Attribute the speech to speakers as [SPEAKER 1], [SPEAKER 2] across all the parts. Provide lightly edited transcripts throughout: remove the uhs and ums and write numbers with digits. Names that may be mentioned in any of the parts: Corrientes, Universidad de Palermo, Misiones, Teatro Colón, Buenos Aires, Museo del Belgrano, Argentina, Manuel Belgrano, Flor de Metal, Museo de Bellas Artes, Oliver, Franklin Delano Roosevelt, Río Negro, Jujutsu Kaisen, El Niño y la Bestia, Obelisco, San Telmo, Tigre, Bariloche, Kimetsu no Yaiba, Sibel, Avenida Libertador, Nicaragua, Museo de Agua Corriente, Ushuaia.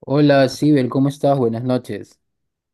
[SPEAKER 1] Hola, Sibel, ¿cómo estás? Buenas noches.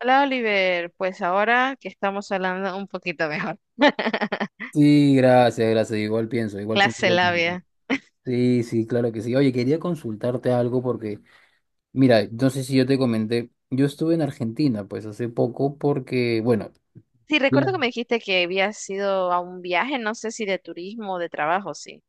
[SPEAKER 2] Hola Oliver, pues ahora que estamos hablando un poquito mejor.
[SPEAKER 1] Sí, gracias, gracias. Igual pienso
[SPEAKER 2] Clase
[SPEAKER 1] lo mismo.
[SPEAKER 2] labia.
[SPEAKER 1] Sí, sí, claro que sí. Oye, quería consultarte algo porque, mira, no sé si yo te comenté, yo estuve en Argentina, pues hace poco porque, bueno,
[SPEAKER 2] Sí,
[SPEAKER 1] ya.
[SPEAKER 2] recuerdo que me dijiste que habías ido a un viaje, no sé si de turismo o de trabajo, sí.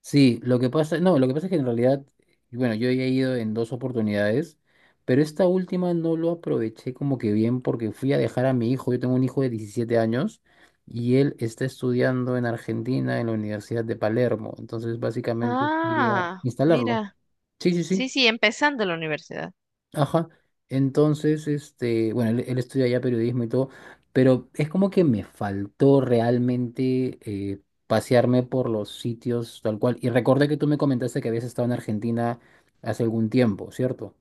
[SPEAKER 1] Sí, lo que pasa, no, lo que pasa es que en realidad, bueno, yo ya he ido en dos oportunidades, pero esta última no lo aproveché como que bien porque fui a dejar a mi hijo. Yo tengo un hijo de 17 años y él está estudiando en Argentina en la Universidad de Palermo, entonces básicamente fui a
[SPEAKER 2] Ah,
[SPEAKER 1] instalarlo.
[SPEAKER 2] mira.
[SPEAKER 1] Sí, sí,
[SPEAKER 2] Sí,
[SPEAKER 1] sí.
[SPEAKER 2] sí, empezando la universidad.
[SPEAKER 1] Ajá. Entonces, este, bueno, él estudia ya periodismo y todo, pero es como que me faltó realmente eh, pasearme por los sitios tal cual. Y recordé que tú me comentaste que habías estado en Argentina hace algún tiempo, ¿cierto?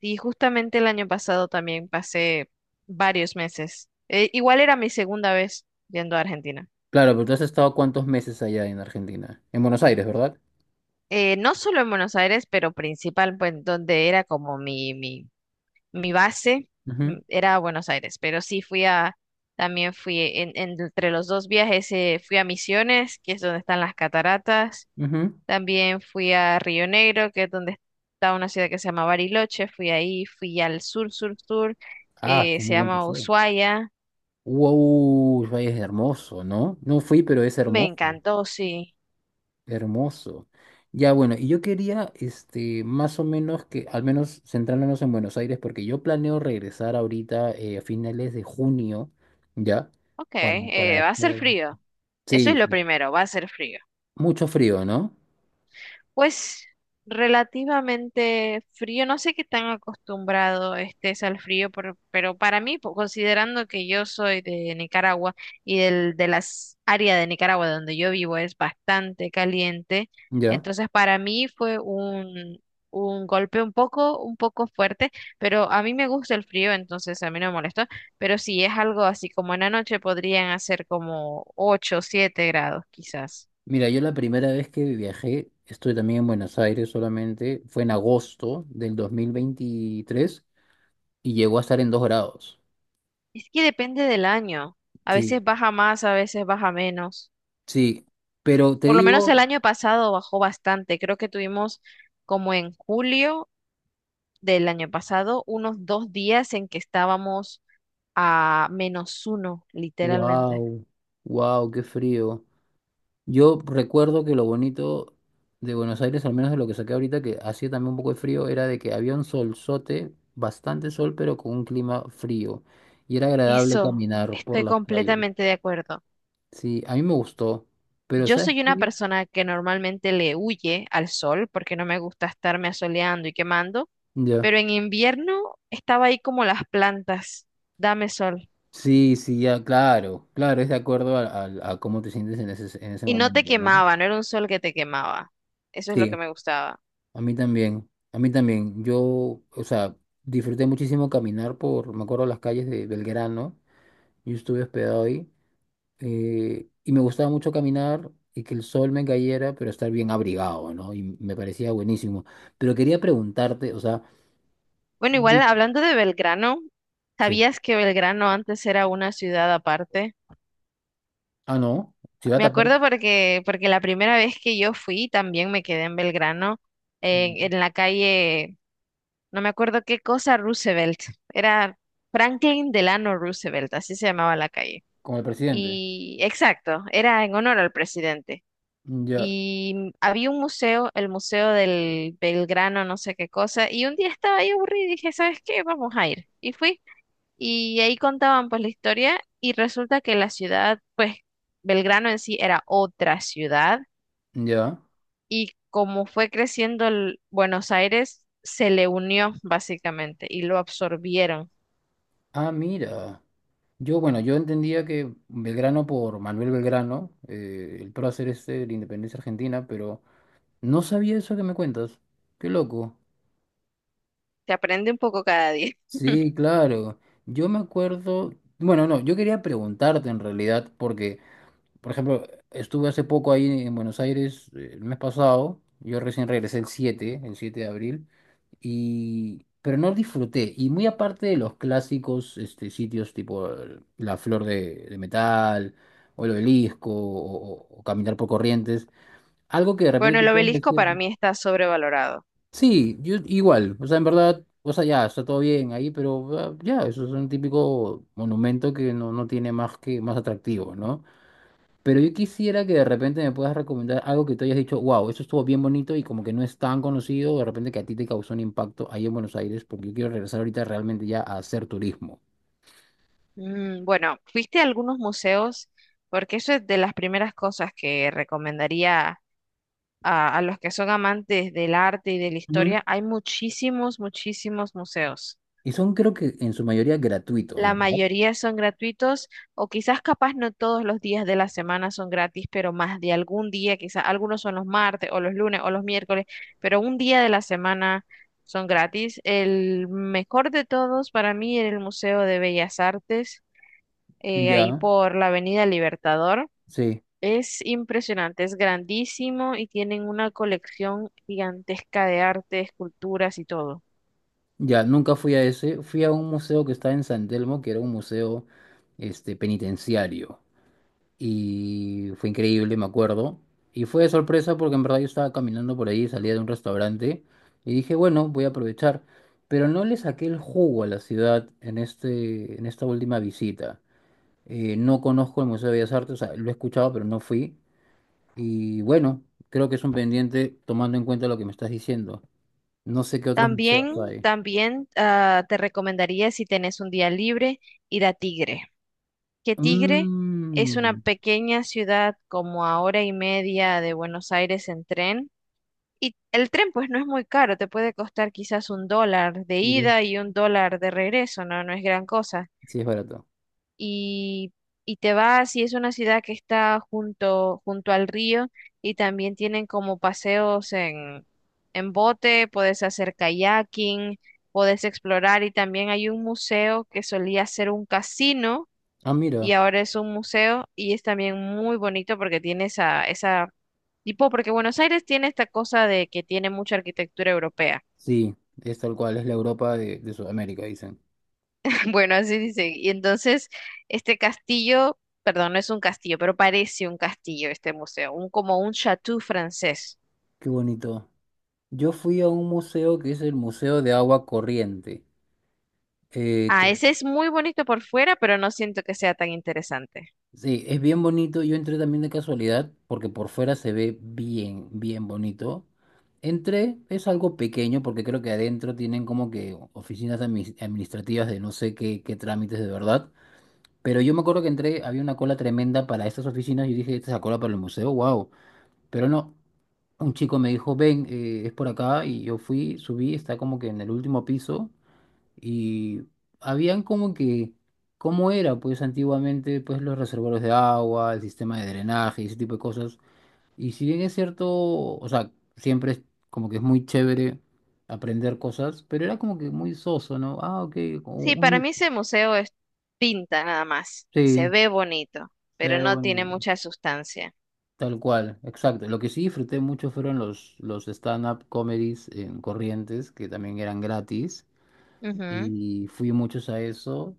[SPEAKER 2] Y justamente el año pasado también pasé varios meses. Igual era mi segunda vez yendo a Argentina.
[SPEAKER 1] Claro, pero tú has estado cuántos meses allá en Argentina, en Buenos Aires, ¿verdad?
[SPEAKER 2] No solo en Buenos Aires, pero principal, pues donde era como mi base era Buenos Aires, pero sí fui a, también fui entre los dos viajes, fui a Misiones, que es donde están las cataratas,
[SPEAKER 1] Ujú, ujú.
[SPEAKER 2] también fui a Río Negro, que es donde está una ciudad que se llama Bariloche, fui ahí, fui al sur, sur, sur,
[SPEAKER 1] Ah,
[SPEAKER 2] que se
[SPEAKER 1] tenés buen
[SPEAKER 2] llama
[SPEAKER 1] paseo.
[SPEAKER 2] Ushuaia,
[SPEAKER 1] Wow, es hermoso, ¿no? No fui, pero es
[SPEAKER 2] me
[SPEAKER 1] hermoso.
[SPEAKER 2] encantó, sí.
[SPEAKER 1] Hermoso. Ya bueno, y yo quería, este, más o menos que, al menos centrándonos en Buenos Aires, porque yo planeo regresar ahorita a finales de junio, ¿ya?
[SPEAKER 2] Ok,
[SPEAKER 1] Para, para...
[SPEAKER 2] va a ser frío, eso es
[SPEAKER 1] Sí,
[SPEAKER 2] lo
[SPEAKER 1] sí.
[SPEAKER 2] primero, va a ser frío.
[SPEAKER 1] Mucho frío, ¿no?
[SPEAKER 2] Pues relativamente frío, no sé qué tan acostumbrado estés al frío, pero para mí, considerando que yo soy de Nicaragua y de las áreas de Nicaragua donde yo vivo es bastante caliente,
[SPEAKER 1] Ya.
[SPEAKER 2] entonces para mí fue un golpe un poco fuerte, pero a mí me gusta el frío, entonces a mí no me molestó, pero si es algo así como en la noche podrían hacer como 8 o 7 grados quizás.
[SPEAKER 1] Mira, yo la primera vez que viajé, estoy también en Buenos Aires solamente, fue en agosto del 2023 y llegó a estar en 2 grados.
[SPEAKER 2] Es que depende del año. A
[SPEAKER 1] Sí,
[SPEAKER 2] veces baja más, a veces baja menos.
[SPEAKER 1] sí, pero te
[SPEAKER 2] Por lo menos
[SPEAKER 1] digo,
[SPEAKER 2] el año pasado bajó bastante. Creo que tuvimos como en julio del año pasado unos 2 días en que estábamos a menos uno, literalmente.
[SPEAKER 1] wow, wow, qué frío. Yo recuerdo que lo bonito de Buenos Aires, al menos de lo que saqué ahorita, que hacía también un poco de frío, era de que había un solzote, bastante sol, pero con un clima frío. Y era agradable
[SPEAKER 2] Eso,
[SPEAKER 1] caminar por
[SPEAKER 2] estoy
[SPEAKER 1] las calles.
[SPEAKER 2] completamente de acuerdo.
[SPEAKER 1] Sí, a mí me gustó. Pero
[SPEAKER 2] Yo
[SPEAKER 1] ¿sabes
[SPEAKER 2] soy una
[SPEAKER 1] qué?
[SPEAKER 2] persona que normalmente le huye al sol porque no me gusta estarme asoleando y quemando,
[SPEAKER 1] Ya.
[SPEAKER 2] pero en invierno estaba ahí como las plantas. Dame sol.
[SPEAKER 1] Sí, sí, ya, claro. Claro, es de acuerdo a, a cómo te sientes en ese
[SPEAKER 2] Y no te
[SPEAKER 1] momento, ¿no?
[SPEAKER 2] quemaba, no era un sol que te quemaba. Eso es lo
[SPEAKER 1] Sí,
[SPEAKER 2] que me gustaba.
[SPEAKER 1] a mí también. A mí también. Yo, o sea, disfruté muchísimo caminar por, me acuerdo, las calles de Belgrano. Yo estuve hospedado ahí. Y me gustaba mucho caminar y que el sol me cayera, pero estar bien abrigado, ¿no? Y me parecía buenísimo. Pero quería preguntarte, o sea,
[SPEAKER 2] Bueno, igual
[SPEAKER 1] sí.
[SPEAKER 2] hablando de Belgrano,
[SPEAKER 1] Sí.
[SPEAKER 2] ¿sabías que Belgrano antes era una ciudad aparte?
[SPEAKER 1] Ah, no, ciudad
[SPEAKER 2] Me
[SPEAKER 1] aparte,
[SPEAKER 2] acuerdo porque la primera vez que yo fui también me quedé en Belgrano, en la calle, no me acuerdo qué cosa, Roosevelt. Era Franklin Delano Roosevelt, así se llamaba la calle.
[SPEAKER 1] con el presidente.
[SPEAKER 2] Y exacto, era en honor al presidente.
[SPEAKER 1] Ya,
[SPEAKER 2] Y había un museo, el Museo del Belgrano, no sé qué cosa, y un día estaba ahí aburrida y dije, ¿sabes qué? Vamos a ir. Y fui, y ahí contaban pues la historia y resulta que la ciudad, pues Belgrano en sí era otra ciudad
[SPEAKER 1] ya.
[SPEAKER 2] y como fue creciendo el Buenos Aires, se le unió básicamente y lo absorbieron.
[SPEAKER 1] Ah, mira. Yo, bueno, yo entendía que Belgrano por Manuel Belgrano, el prócer este de la independencia argentina, pero no sabía eso que me cuentas. Qué loco.
[SPEAKER 2] Se aprende un poco cada día.
[SPEAKER 1] Sí, claro. Yo me acuerdo, bueno, no, yo quería preguntarte en realidad, porque, por ejemplo, estuve hace poco ahí en Buenos Aires, el mes pasado, yo recién regresé el siete de abril, y, pero no disfruté. Y muy aparte de los clásicos este, sitios tipo la Flor de Metal, o el Obelisco, o caminar por Corrientes, algo que de repente
[SPEAKER 2] Bueno, el
[SPEAKER 1] te puedes
[SPEAKER 2] obelisco
[SPEAKER 1] decir,
[SPEAKER 2] para mí está sobrevalorado.
[SPEAKER 1] sí, yo igual, o sea, en verdad, o sea, ya, está todo bien ahí, pero ah, ya, eso es un típico monumento que no, no tiene más que más atractivo, ¿no? Pero yo quisiera que de repente me puedas recomendar algo que tú hayas dicho, wow, eso estuvo bien bonito y como que no es tan conocido, de repente que a ti te causó un impacto ahí en Buenos Aires, porque yo quiero regresar ahorita realmente ya a hacer turismo.
[SPEAKER 2] Mm, bueno, fuiste a algunos museos, porque eso es de las primeras cosas que recomendaría a los que son amantes del arte y de la
[SPEAKER 1] Ujú.
[SPEAKER 2] historia. Hay muchísimos, muchísimos museos.
[SPEAKER 1] Y son creo que en su mayoría gratuitos,
[SPEAKER 2] La
[SPEAKER 1] ¿verdad?
[SPEAKER 2] mayoría son gratuitos, o quizás capaz no todos los días de la semana son gratis, pero más de algún día, quizás algunos son los martes o los lunes o los miércoles, pero un día de la semana son gratis. El mejor de todos para mí era el Museo de Bellas Artes ahí
[SPEAKER 1] Ya,
[SPEAKER 2] por la Avenida Libertador.
[SPEAKER 1] sí.
[SPEAKER 2] Es impresionante, es grandísimo y tienen una colección gigantesca de arte, esculturas y todo.
[SPEAKER 1] Ya, nunca fui a ese. Fui a un museo que está en San Telmo, que era un museo este, penitenciario. Y fue increíble, me acuerdo. Y fue de sorpresa porque en verdad yo estaba caminando por ahí, salía de un restaurante y dije, bueno, voy a aprovechar. Pero no le saqué el jugo a la ciudad en esta última visita. No conozco el Museo de Bellas Artes, o sea, lo he escuchado, pero no fui. Y bueno, creo que es un pendiente tomando en cuenta lo que me estás diciendo. No sé qué otros museos
[SPEAKER 2] También,
[SPEAKER 1] hay.
[SPEAKER 2] también te recomendaría si tenés un día libre ir a Tigre, que Tigre es una
[SPEAKER 1] Mm.
[SPEAKER 2] pequeña ciudad como a hora y media de Buenos Aires en tren. Y el tren pues no es muy caro, te puede costar quizás $1 de ida y $1 de regreso, no, no es gran cosa.
[SPEAKER 1] Sí, es barato.
[SPEAKER 2] y, y te vas y es una ciudad que está junto, junto al río y también tienen como paseos en bote, puedes hacer kayaking, puedes explorar y también hay un museo que solía ser un casino
[SPEAKER 1] Ah,
[SPEAKER 2] y
[SPEAKER 1] mira,
[SPEAKER 2] ahora es un museo y es también muy bonito porque tiene esa tipo, porque Buenos Aires tiene esta cosa de que tiene mucha arquitectura europea.
[SPEAKER 1] sí, es tal cual, es la Europa de Sudamérica, dicen.
[SPEAKER 2] Bueno, así dice. Y entonces, este castillo, perdón, no es un castillo, pero parece un castillo este museo, como un chateau francés.
[SPEAKER 1] Qué bonito. Yo fui a un museo que es el Museo de Agua Corriente. eh,
[SPEAKER 2] Ah,
[SPEAKER 1] que,
[SPEAKER 2] ese es muy bonito por fuera, pero no siento que sea tan interesante.
[SPEAKER 1] sí, es bien bonito. Yo entré también de casualidad porque por fuera se ve bien, bien bonito. Entré, es algo pequeño porque creo que adentro tienen como que oficinas administrativas de no sé qué trámites de verdad. Pero yo me acuerdo que entré, había una cola tremenda para estas oficinas y dije, ¿esta es la cola para el museo? ¡Wow! Pero no, un chico me dijo, ven, es por acá y yo fui, subí, está como que en el último piso. Y habían como que, ¿cómo era? Pues antiguamente, pues los reservorios de agua, el sistema de drenaje y ese tipo de cosas. Y si bien es cierto, o sea, siempre es como que es muy chévere aprender cosas, pero era como que muy soso, ¿no? Ah, ok, como
[SPEAKER 2] Sí, para
[SPEAKER 1] un-
[SPEAKER 2] mí ese museo es pinta nada más. Se
[SPEAKER 1] sí,
[SPEAKER 2] ve bonito,
[SPEAKER 1] sí,
[SPEAKER 2] pero no
[SPEAKER 1] bueno,
[SPEAKER 2] tiene mucha sustancia.
[SPEAKER 1] tal cual, exacto. Lo que sí disfruté mucho fueron los stand-up comedies en Corrientes, que también eran gratis.
[SPEAKER 2] Ujú.
[SPEAKER 1] Y fui muchos a eso.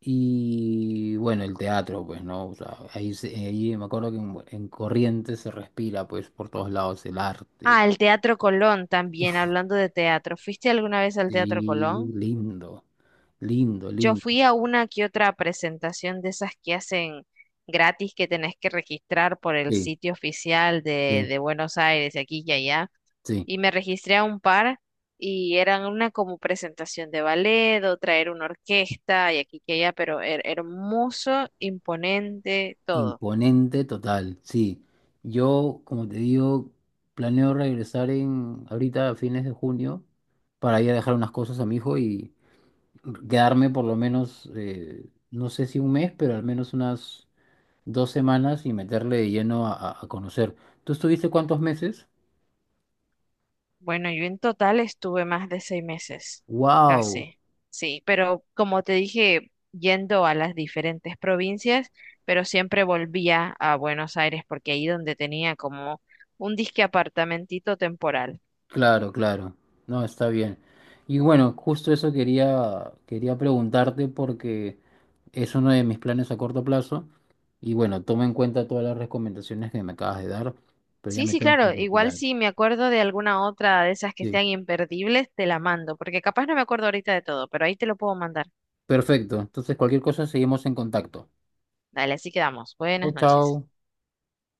[SPEAKER 1] Y bueno, el teatro, pues, ¿no? O sea, ahí, ahí me acuerdo que en Corrientes se respira, pues, por todos lados el arte.
[SPEAKER 2] Ah, el Teatro Colón también, hablando de teatro. ¿Fuiste alguna vez al Teatro
[SPEAKER 1] Sí,
[SPEAKER 2] Colón?
[SPEAKER 1] lindo, lindo,
[SPEAKER 2] Yo
[SPEAKER 1] lindo.
[SPEAKER 2] fui a una que otra presentación de esas que hacen gratis que tenés que registrar por el
[SPEAKER 1] Sí,
[SPEAKER 2] sitio oficial
[SPEAKER 1] sí,
[SPEAKER 2] de Buenos Aires, de aquí y allá.
[SPEAKER 1] sí.
[SPEAKER 2] Y me registré a un par y eran una como presentación de ballet, otra era una orquesta y aquí y allá, pero hermoso, imponente, todo.
[SPEAKER 1] Imponente total, sí. Yo, como te digo, planeo regresar en ahorita a fines de junio para ir a dejar unas cosas a mi hijo y quedarme por lo menos, no sé si un mes, pero al menos unas 2 semanas y meterle de lleno a, a conocer. ¿Tú estuviste cuántos meses?
[SPEAKER 2] Bueno, yo en total estuve más de 6 meses,
[SPEAKER 1] ¡Wow!
[SPEAKER 2] casi, sí, pero como te dije, yendo a las diferentes provincias, pero siempre volvía a Buenos Aires porque ahí donde tenía como un disque apartamentito temporal.
[SPEAKER 1] Claro, claro. No, está bien. Y bueno, justo eso quería preguntarte porque es uno de mis planes a corto plazo. Y bueno, toma en cuenta todas las recomendaciones que me acabas de dar, pero ya
[SPEAKER 2] Sí,
[SPEAKER 1] me
[SPEAKER 2] sí,
[SPEAKER 1] tengo que
[SPEAKER 2] claro, igual
[SPEAKER 1] retirar.
[SPEAKER 2] si me acuerdo de alguna otra de esas que
[SPEAKER 1] Sí.
[SPEAKER 2] sean imperdibles, te la mando, porque capaz no me acuerdo ahorita de todo, pero ahí te lo puedo mandar.
[SPEAKER 1] Perfecto. Entonces, cualquier cosa, seguimos en contacto.
[SPEAKER 2] Dale, así quedamos.
[SPEAKER 1] Chao,
[SPEAKER 2] Buenas
[SPEAKER 1] chao.
[SPEAKER 2] noches.